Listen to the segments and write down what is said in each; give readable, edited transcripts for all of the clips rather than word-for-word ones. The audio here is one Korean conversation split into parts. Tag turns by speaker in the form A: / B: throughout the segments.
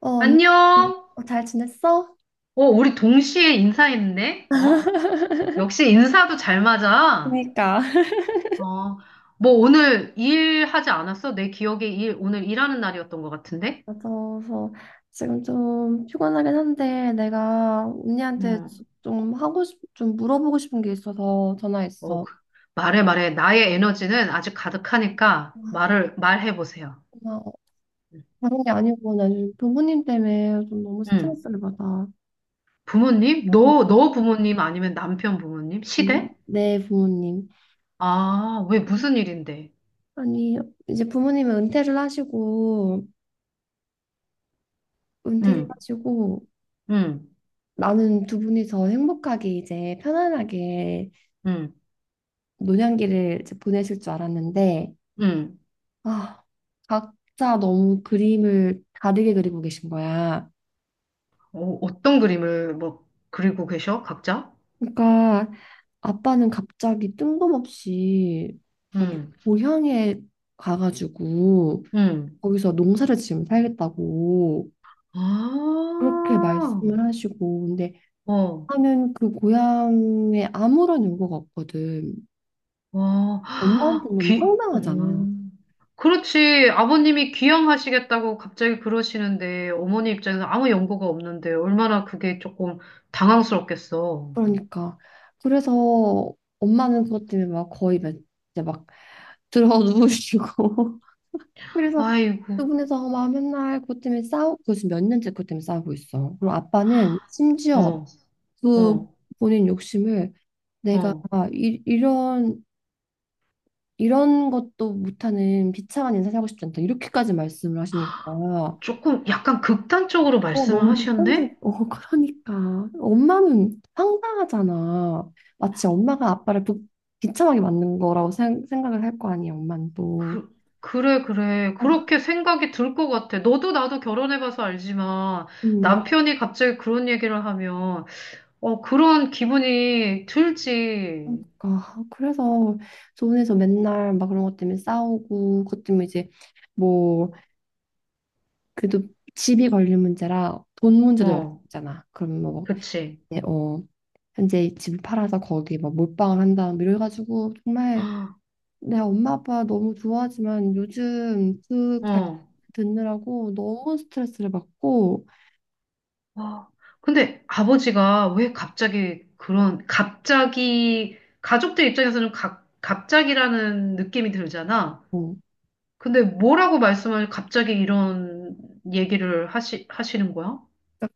A: 언니,
B: 안녕.
A: 잘 지냈어?
B: 어, 우리 동시에 인사했네? 어? 역시 인사도 잘 맞아.
A: 그러니까.
B: 어, 뭐 오늘 일하지 않았어? 내 기억에 오늘 일하는 날이었던 것 같은데?
A: 그래서 지금 좀 피곤하긴 한데 내가 언니한테
B: 음.
A: 좀 물어보고 싶은 게 있어서
B: 어,
A: 전화했어.
B: 그- 말해, 말해. 나의 에너지는 아직 가득하니까
A: 아
B: 말해보세요.
A: 고마워. 다른 게 아니고 나 요즘 부모님 때문에 좀 너무
B: 음.
A: 스트레스를 받아.
B: 부모님? 너,
A: 아
B: 너 부모님 아니면 남편 부모님? 시댁?
A: 내 부모님.
B: 아, 왜 무슨 일인데?
A: 아니, 이제 은퇴를
B: 음,
A: 하시고,
B: 음,
A: 나는 두 분이서 행복하게 이제 편안하게
B: 음,
A: 노년기를 이제 보내실 줄 알았는데,
B: 음.
A: 아, 각자 너무 그림을 다르게 그리고 계신 거야.
B: 어, 어떤 그림을 뭐 그리고 계셔? 각자?
A: 그러니까 아빠는 갑자기 뜬금없이 자기
B: 응.
A: 고향에 가가지고
B: 응.
A: 거기서 농사를 지으면 살겠다고 그렇게
B: 아,
A: 말씀을 하시고, 근데
B: 어,
A: 하면 그 고향에 아무런 연고가 없거든.
B: 와,
A: 엄마한테
B: 아,
A: 너무
B: 오.
A: 황당하잖아.
B: 그렇지. 아버님이 귀향하시겠다고 갑자기 그러시는데, 어머니 입장에서 아무 연고가 없는데, 얼마나 그게 조금 당황스럽겠어.
A: 그러니까 그래서 엄마는 그것 때문에 막 거의 막 이제 막 들어 누우시고 그래서
B: 아이고,
A: 두 분이서 막 맨날 그것 때문에 싸우고 지금 몇 년째 그것 때문에 싸우고 있어. 그리고 아빠는 심지어
B: 어,
A: 그
B: 어,
A: 본인 욕심을 내가
B: 어.
A: 이런 이런 것도 못하는 비참한 인생 살고 싶지 않다 이렇게까지 말씀을 하시니까
B: 조금 약간 극단적으로
A: 어,
B: 말씀을
A: 너무 불편지.
B: 하셨네?
A: 어, 그러니까. 엄마는 황당하잖아. 마치 엄마가 비참하게 만든 거라고 생각을 할 거 아니야, 엄마는 또.
B: 그, 그래, 그래.
A: 아,
B: 그렇게 생각이 들 것 같아. 너도 나도 결혼해봐서 알지만,
A: 음.
B: 남편이 갑자기 그런 얘기를 하면, 그런 기분이 들지.
A: 그러니까. 그래서 조원에서 맨날 막 그런 것 때문에 싸우고, 그것 때문에 이제 뭐, 그래도 집이 걸린 문제라 돈 문제도 여기
B: 어,
A: 있잖아. 그럼 뭐,
B: 그치.
A: 이제 현재 집을 팔아서 거기 막 몰빵을 한다. 뭐 이래가지고 정말 내 엄마 아빠 너무 좋아하지만 요즘
B: 어,
A: 듣느라고 너무 스트레스를 받고
B: 어. 근데 아버지가 왜 갑자기 그런, 갑자기, 가족들 입장에서는 갑 갑자기라는 느낌이 들잖아.
A: 어,
B: 근데 뭐라고 말씀을 갑자기 이런 얘기를 하시는 거야?
A: 딱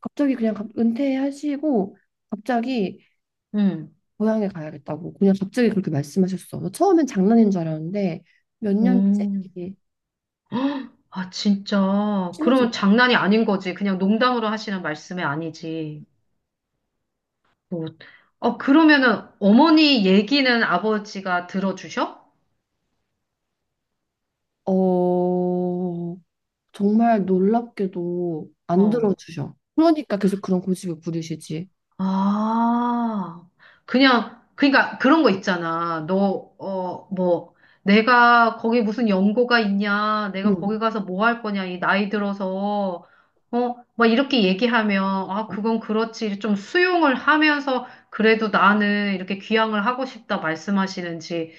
A: 갑자기 은퇴하시고 갑자기
B: 응.
A: 고향에 가야겠다고 그냥 갑자기 그렇게 말씀하셨어. 뭐 처음엔 장난인 줄 알았는데 몇 년째
B: 음.
A: 이게
B: 아, 진짜.
A: 심해지고
B: 그러면 장난이 아닌 거지. 그냥 농담으로 하시는 말씀이 아니지. 뭐, 그러면은 어머니 얘기는 아버지가 들어주셔?
A: 어, 정말 놀랍게도 안
B: 어.
A: 들어주셔. 그러니까 계속 그런 고집을 부리시지.
B: 아, 그냥, 그러니까 그런 거 있잖아. 너, 뭐, 내가 거기 무슨 연고가 있냐, 내가
A: 응.
B: 거기 가서 뭐 할 거냐, 이 나이 들어서, 막 이렇게 얘기하면, 아, 그건 그렇지. 좀 수용을 하면서, 그래도 나는 이렇게 귀향을 하고 싶다 말씀하시는지,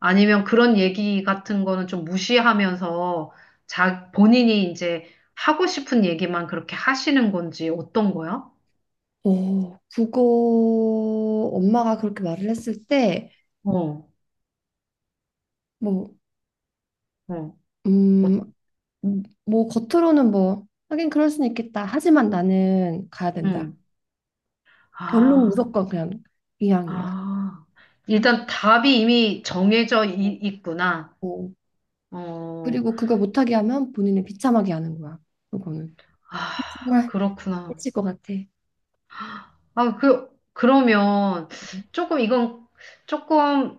B: 아니면 그런 얘기 같은 거는 좀 무시하면서, 자, 본인이 이제 하고 싶은 얘기만 그렇게 하시는 건지, 어떤 거야?
A: 어, 그거 엄마가 그렇게 말을 했을 때
B: 어,
A: 뭐
B: 어. 어,
A: 음, 뭐 겉으로는 뭐 하긴 그럴 수는 있겠다. 하지만 나는 가야 된다.
B: 음.
A: 결론
B: 아,
A: 무조건 그냥 이왕이야
B: 아. 일단 답이 이미 정해져
A: 어,
B: 이- 있구나.
A: 어.
B: 어,
A: 그리고 그거 못하게 하면 본인을 비참하게 하는 거야. 그거는
B: 아,
A: 정말
B: 그렇구나.
A: 미칠 것 같아.
B: 아, 그러면 조금 이건 조금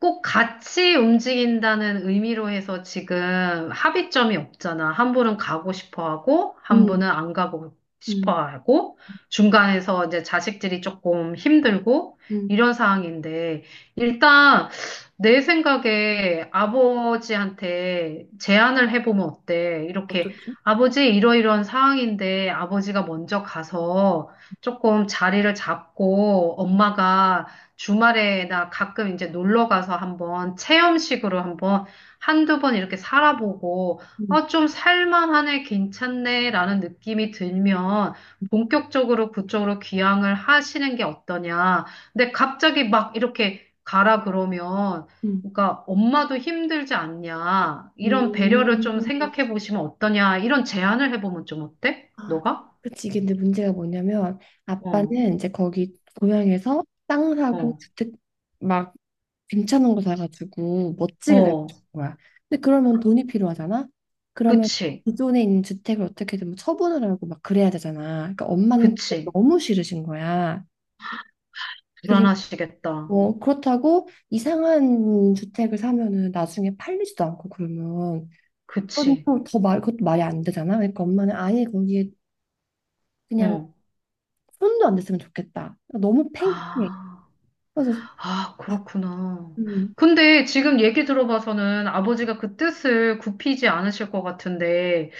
B: 꼭 같이 움직인다는 의미로 해서 지금 합의점이 없잖아. 한 분은 가고 싶어 하고, 한
A: 음,
B: 분은 안 가고
A: 음,
B: 싶어 하고, 중간에서 이제 자식들이 조금 힘들고,
A: 음,
B: 이런 상황인데, 일단 내 생각에 아버지한테 제안을 해보면 어때? 이렇게
A: 어떻게?
B: 아버지 이러이러한 상황인데 아버지가 먼저 가서 조금 자리를 잡고 엄마가 주말에 나 가끔 이제 놀러 가서 한번 체험식으로 한번 한두 번 이렇게 살아보고
A: 음,
B: 아, 좀 살만하네, 괜찮네 라는 느낌이 들면 본격적으로 그쪽으로 귀향을 하시는 게 어떠냐. 근데 갑자기 막 이렇게 가라 그러면
A: 음.
B: 그러니까 엄마도 힘들지 않냐. 이런 배려를
A: 음.
B: 좀 생각해 보시면 어떠냐. 이런 제안을 해보면 좀 어때?
A: 아,
B: 너가?
A: 그치. 이게 근데 문제가 뭐냐면
B: 어,
A: 아빠는 이제 거기 고향에서 땅 사고
B: 어.
A: 주택 막 괜찮은 거 사가지고 멋지게 살고
B: 어.
A: 싶은 거야. 근데 그러면 돈이 필요하잖아. 그러면
B: 그치,
A: 기존에 있는 주택을 어떻게든 뭐 처분을 하고 막 그래야 되잖아. 그러니까 엄마는 주택
B: 그치.
A: 너무 싫으신 거야. 그리고
B: 불안하시겠다.
A: 뭐 그렇다고 이상한 주택을 사면은 나중에 팔리지도 않고 그러면
B: 그치.
A: 그것도 말이 안 되잖아. 그러니까 엄마는 아예 거기에 그냥
B: 응.
A: 손도 안 댔으면 좋겠다. 너무 팽팽해.
B: 아,
A: 그래서
B: 아, 그렇구나.
A: 음,
B: 근데 지금 얘기 들어봐서는 아버지가 그 뜻을 굽히지 않으실 것 같은데,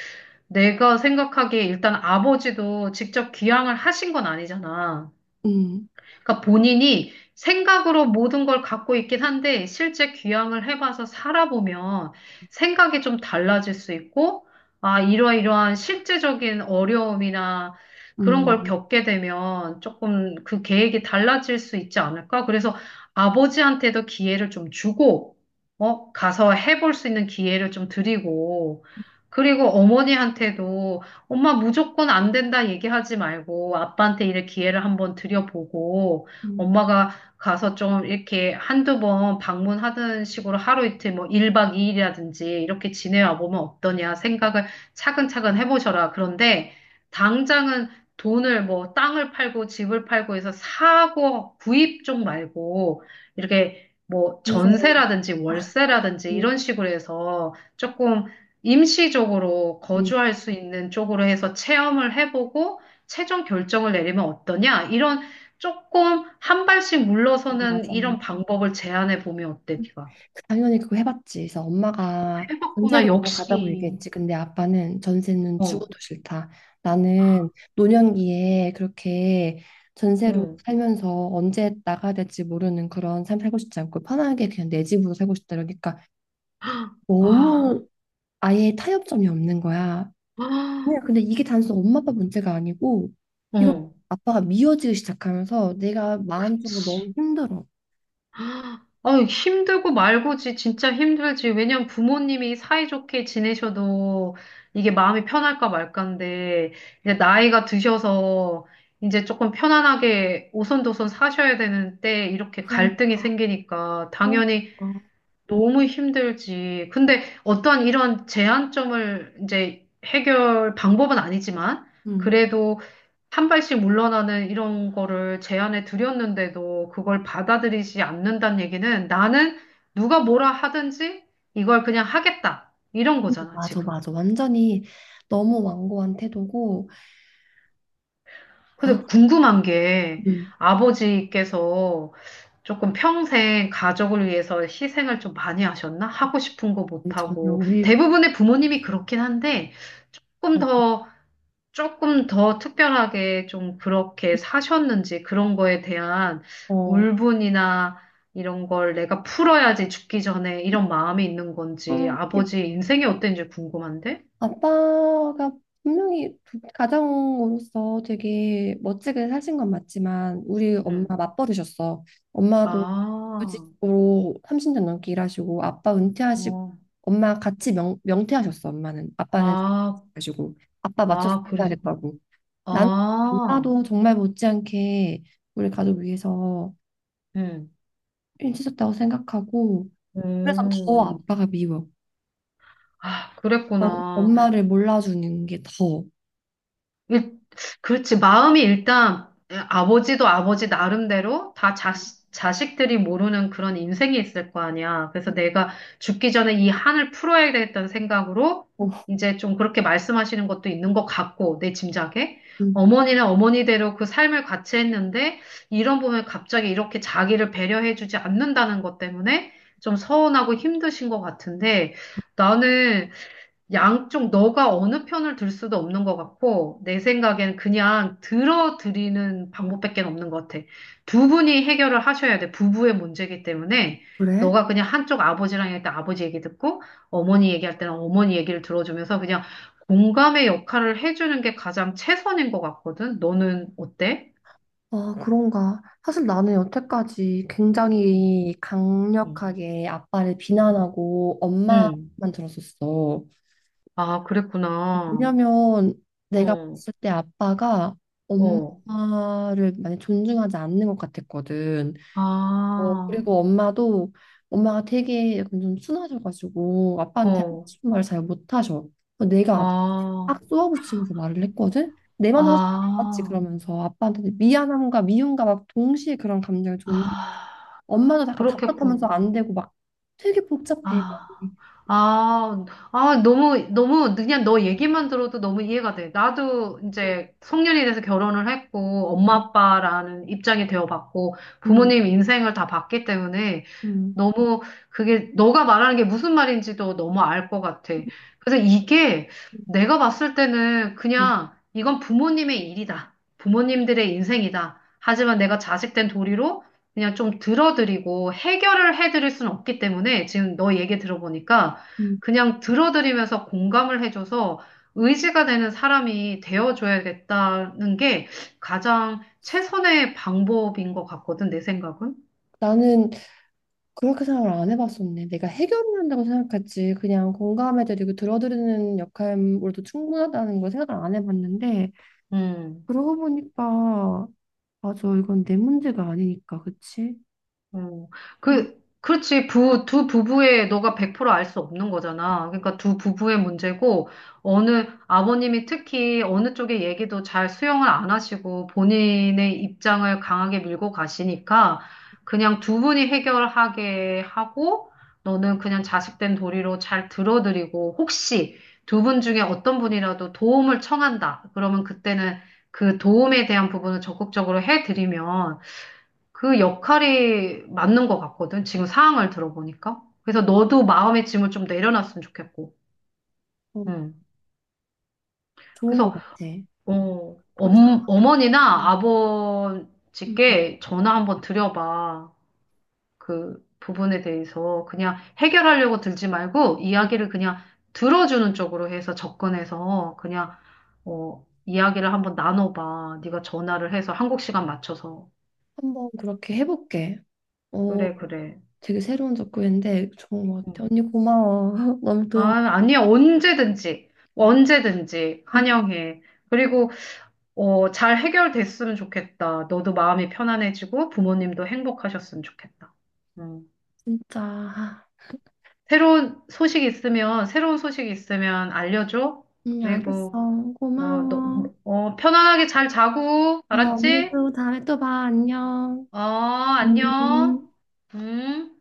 B: 내가 생각하기에 일단 아버지도 직접 귀향을 하신 건 아니잖아.
A: 음,
B: 그러니까 본인이 생각으로 모든 걸 갖고 있긴 한데 실제 귀향을 해봐서 살아보면 생각이 좀 달라질 수 있고 아, 이러이러한 실제적인 어려움이나 그런 걸
A: 음,
B: 겪게 되면 조금 그 계획이 달라질 수 있지 않을까? 그래서 아버지한테도 기회를 좀 주고 어, 가서 해볼 수 있는 기회를 좀 드리고 그리고 어머니한테도 엄마 무조건 안 된다 얘기하지 말고 아빠한테 이런 기회를 한번 드려보고
A: 음,
B: 엄마가 가서 좀 이렇게 한두 번 방문하는 식으로 하루 이틀 뭐 1박 2일이라든지 이렇게 지내와 보면 어떠냐 생각을 차근차근 해보셔라. 그런데 당장은 돈을 뭐 땅을 팔고 집을 팔고 해서 사고 구입 쪽 말고 이렇게 뭐
A: 전세로
B: 전세라든지
A: 아,
B: 월세라든지
A: 그렇지.
B: 이런 식으로 해서 조금 임시적으로 거주할 수 있는 쪽으로 해서 체험을 해보고 최종 결정을 내리면 어떠냐? 이런 조금 한 발씩 물러서는
A: 맞아, 맞아.
B: 이런 방법을 제안해 보면 어때, 네가?
A: 당연히 그거 해봤지. 그래서 엄마가
B: 해봤구나,
A: 전세로 그거 가자고
B: 역시.
A: 얘기했지. 근데 아빠는 전세는 죽어도
B: 어,
A: 싫다. 나는 노년기에 그렇게 전세로
B: 어,
A: 살면서 언제 나가야 될지 모르는 그런 삶 살고 싶지 않고 편하게 그냥 내 집으로 살고 싶다. 그러니까
B: 아,
A: 너무 아예 타협점이 없는 거야.
B: 아,
A: 그냥 근데 이게 단순 엄마 아빠 문제가 아니고 이거
B: 어,
A: 아빠가 미워지기 시작하면서 내가 마음적으로
B: 그치.
A: 너무 힘들어.
B: 아, 힘들고 말고지 진짜 힘들지. 왜냐면 부모님이 사이좋게 지내셔도 이게 마음이 편할까 말까인데 이제 나이가 드셔서 이제 조금 편안하게 오손도손 사셔야 되는데 이렇게 갈등이
A: 그러니까,
B: 생기니까 당연히
A: 그러니까.
B: 너무 힘들지. 근데 어떠한 이런 제한점을 이제 해결 방법은 아니지만
A: 응.
B: 그래도 한 발씩 물러나는 이런 거를 제안해 드렸는데도 그걸 받아들이지 않는다는 얘기는 나는 누가 뭐라 하든지 이걸 그냥 하겠다. 이런 거잖아,
A: 맞아,
B: 지금.
A: 맞아. 완전히 너무 완고한 태도고, 아,
B: 근데 궁금한 게
A: 음,
B: 아버지께서 조금 평생 가족을 위해서 희생을 좀 많이 하셨나? 하고 싶은 거
A: 전혀
B: 못하고.
A: 우리,
B: 대부분의 부모님이 그렇긴 한데 조금 더, 조금 더 특별하게 좀 그렇게 사셨는지 그런 거에 대한
A: 어,
B: 울분이나 이런 걸 내가 풀어야지 죽기 전에 이런 마음이 있는 건지
A: 어,
B: 아버지 인생이 어땠는지 궁금한데?
A: 아빠가 분명히 가장으로서 되게 멋지게 사신 건 맞지만, 우리 엄마
B: 응.
A: 맞벌이셨어. 엄마도
B: 아,
A: 구직으로 30년 넘게 일하시고, 아빠 은퇴하시고,
B: 어,
A: 명퇴하셨어, 엄마는. 아빠는
B: 아,
A: 가지고 아빠 맞춰서
B: 아, 그래.
A: 해야겠다고. 나는
B: 아,
A: 누나도 정말 못지않게 우리 가족 위해서
B: 음.
A: 힘쓰셨다고 생각하고 그래서 더
B: 음.
A: 아빠가 미워.
B: 아,
A: 어,
B: 그랬구나.
A: 엄마를 몰라주는 게 더.
B: 일- 그렇지. 마음이 일단 아버지도 아버지 나름대로 다 자식, 자식들이 모르는 그런 인생이 있을 거 아니야. 그래서 내가 죽기 전에 이 한을 풀어야겠다는 생각으로
A: 어,
B: 이제 좀 그렇게 말씀하시는 것도 있는 것 같고, 내 짐작에.
A: 음,
B: 어머니는 어머니대로 그 삶을 같이 했는데, 이런 부분에 갑자기 이렇게 자기를 배려해주지 않는다는 것 때문에 좀 서운하고 힘드신 것 같은데, 나는 양쪽 너가 어느 편을 들 수도 없는 것 같고, 내 생각엔 그냥 들어드리는 방법밖에 없는 것 같아. 두 분이 해결을 하셔야 돼. 부부의 문제이기 때문에.
A: 그래?
B: 너가 그냥 한쪽 아버지랑 할때 아버지 얘기 듣고, 어머니 얘기할 때는 어머니 얘기를 들어주면서 그냥 공감의 역할을 해주는 게 가장 최선인 것 같거든. 너는 어때?
A: 아, 그런가. 사실 나는 여태까지
B: 응
A: 굉장히 강력하게 아빠를 비난하고
B: 응.
A: 엄마만
B: 응.
A: 들었었어.
B: 아, 그랬구나.
A: 왜냐면 내가
B: 어,
A: 봤을 때 아빠가
B: 어.
A: 엄마를 많이 존중하지 않는 것 같았거든. 어,
B: 아,
A: 그리고 엄마도 엄마가 되게 약간 좀 순하셔가지고 아빠한테 하고
B: 어,
A: 싶은 말을 잘 못하셔. 그래서 내가
B: 아.
A: 딱 쏘아붙이면서 말을 했거든. 내 말은 사실 맞지
B: 아,
A: 그러면서 아빠한테 미안함과 미움과 막 동시에 그런 감정이 존재.
B: 아,
A: 엄마도 약간 답답하면서
B: 그렇겠군.
A: 안 되고 막 되게 복잡해. 막.
B: 아, 아, 아, 너무, 너무, 그냥 너 얘기만 들어도 너무 이해가 돼. 나도 이제 성년이 돼서 결혼을 했고, 엄마,
A: 음
B: 아빠라는 입장이 되어봤고,
A: 음,
B: 부모님 인생을 다 봤기 때문에
A: 음,
B: 너무 그게, 너가 말하는 게 무슨 말인지도 너무 알 것 같아. 그래서 이게
A: 음,
B: 내가 봤을 때는
A: 음.
B: 그냥 이건 부모님의 일이다. 부모님들의 인생이다. 하지만 내가 자식 된 도리로 그냥 좀 들어드리고 해결을 해드릴 수는 없기 때문에 지금 너 얘기 들어보니까
A: 음.
B: 그냥 들어드리면서 공감을 해줘서 의지가 되는 사람이 되어줘야겠다는 게 가장 최선의 방법인 것 같거든, 내 생각은.
A: 나는 그렇게 생각을 안 해봤었네. 내가 해결을 한다고 생각했지. 그냥 공감해드리고 들어드리는 역할로도 충분하다는 걸 생각을 안 해봤는데,
B: 음.
A: 그러고 보니까, 맞아. 이건 내 문제가 아니니까, 그치?
B: 어,
A: 음,
B: 그렇지. 두 부부의 너가 100%알 수 없는 거잖아. 그러니까 두 부부의 문제고, 어느, 아버님이 특히 어느 쪽의 얘기도 잘 수용을 안 하시고, 본인의 입장을 강하게 밀고 가시니까, 그냥 두 분이 해결하게 하고, 너는 그냥 자식된 도리로 잘 들어드리고, 혹시 두 분 중에 어떤 분이라도 도움을 청한다. 그러면 그때는 그 도움에 대한 부분을 적극적으로 해드리면, 그 역할이 맞는 것 같거든. 지금 상황을 들어보니까. 그래서 너도 마음의 짐을 좀 내려놨으면 좋겠고.
A: 어,
B: 음.
A: 좋은 것
B: 그래서
A: 같아. 그렇게 생각 안
B: 어머니나
A: 해봤는데. 음,
B: 아버지께 전화 한번 드려봐. 그 부분에 대해서 그냥 해결하려고 들지 말고
A: 음.
B: 이야기를 그냥 들어주는 쪽으로 해서 접근해서 그냥 어, 이야기를 한번 나눠봐. 네가 전화를 해서 한국 시간 맞춰서.
A: 한번 그렇게 해볼게. 어,
B: 그래, 그래.
A: 되게 새로운 접근인데 좋은 것
B: 응.
A: 같아. 언니 고마워. 너무
B: 아,
A: 도움,
B: 아니야. 언제든지,
A: 어,
B: 언제든지 환영해. 그리고, 잘 해결됐으면 좋겠다. 너도 마음이 편안해지고 부모님도 행복하셨으면 좋겠다. 음.
A: 진짜.
B: 새로운 소식 있으면, 새로운 소식 있으면 알려줘.
A: 응
B: 그리고,
A: 알겠어.
B: 너,
A: 고마워.
B: 편안하게 잘 자고,
A: 어,
B: 알았지?
A: 언니도 다음에 또 봐. 안녕.
B: 어, 안녕.
A: 음.
B: 음.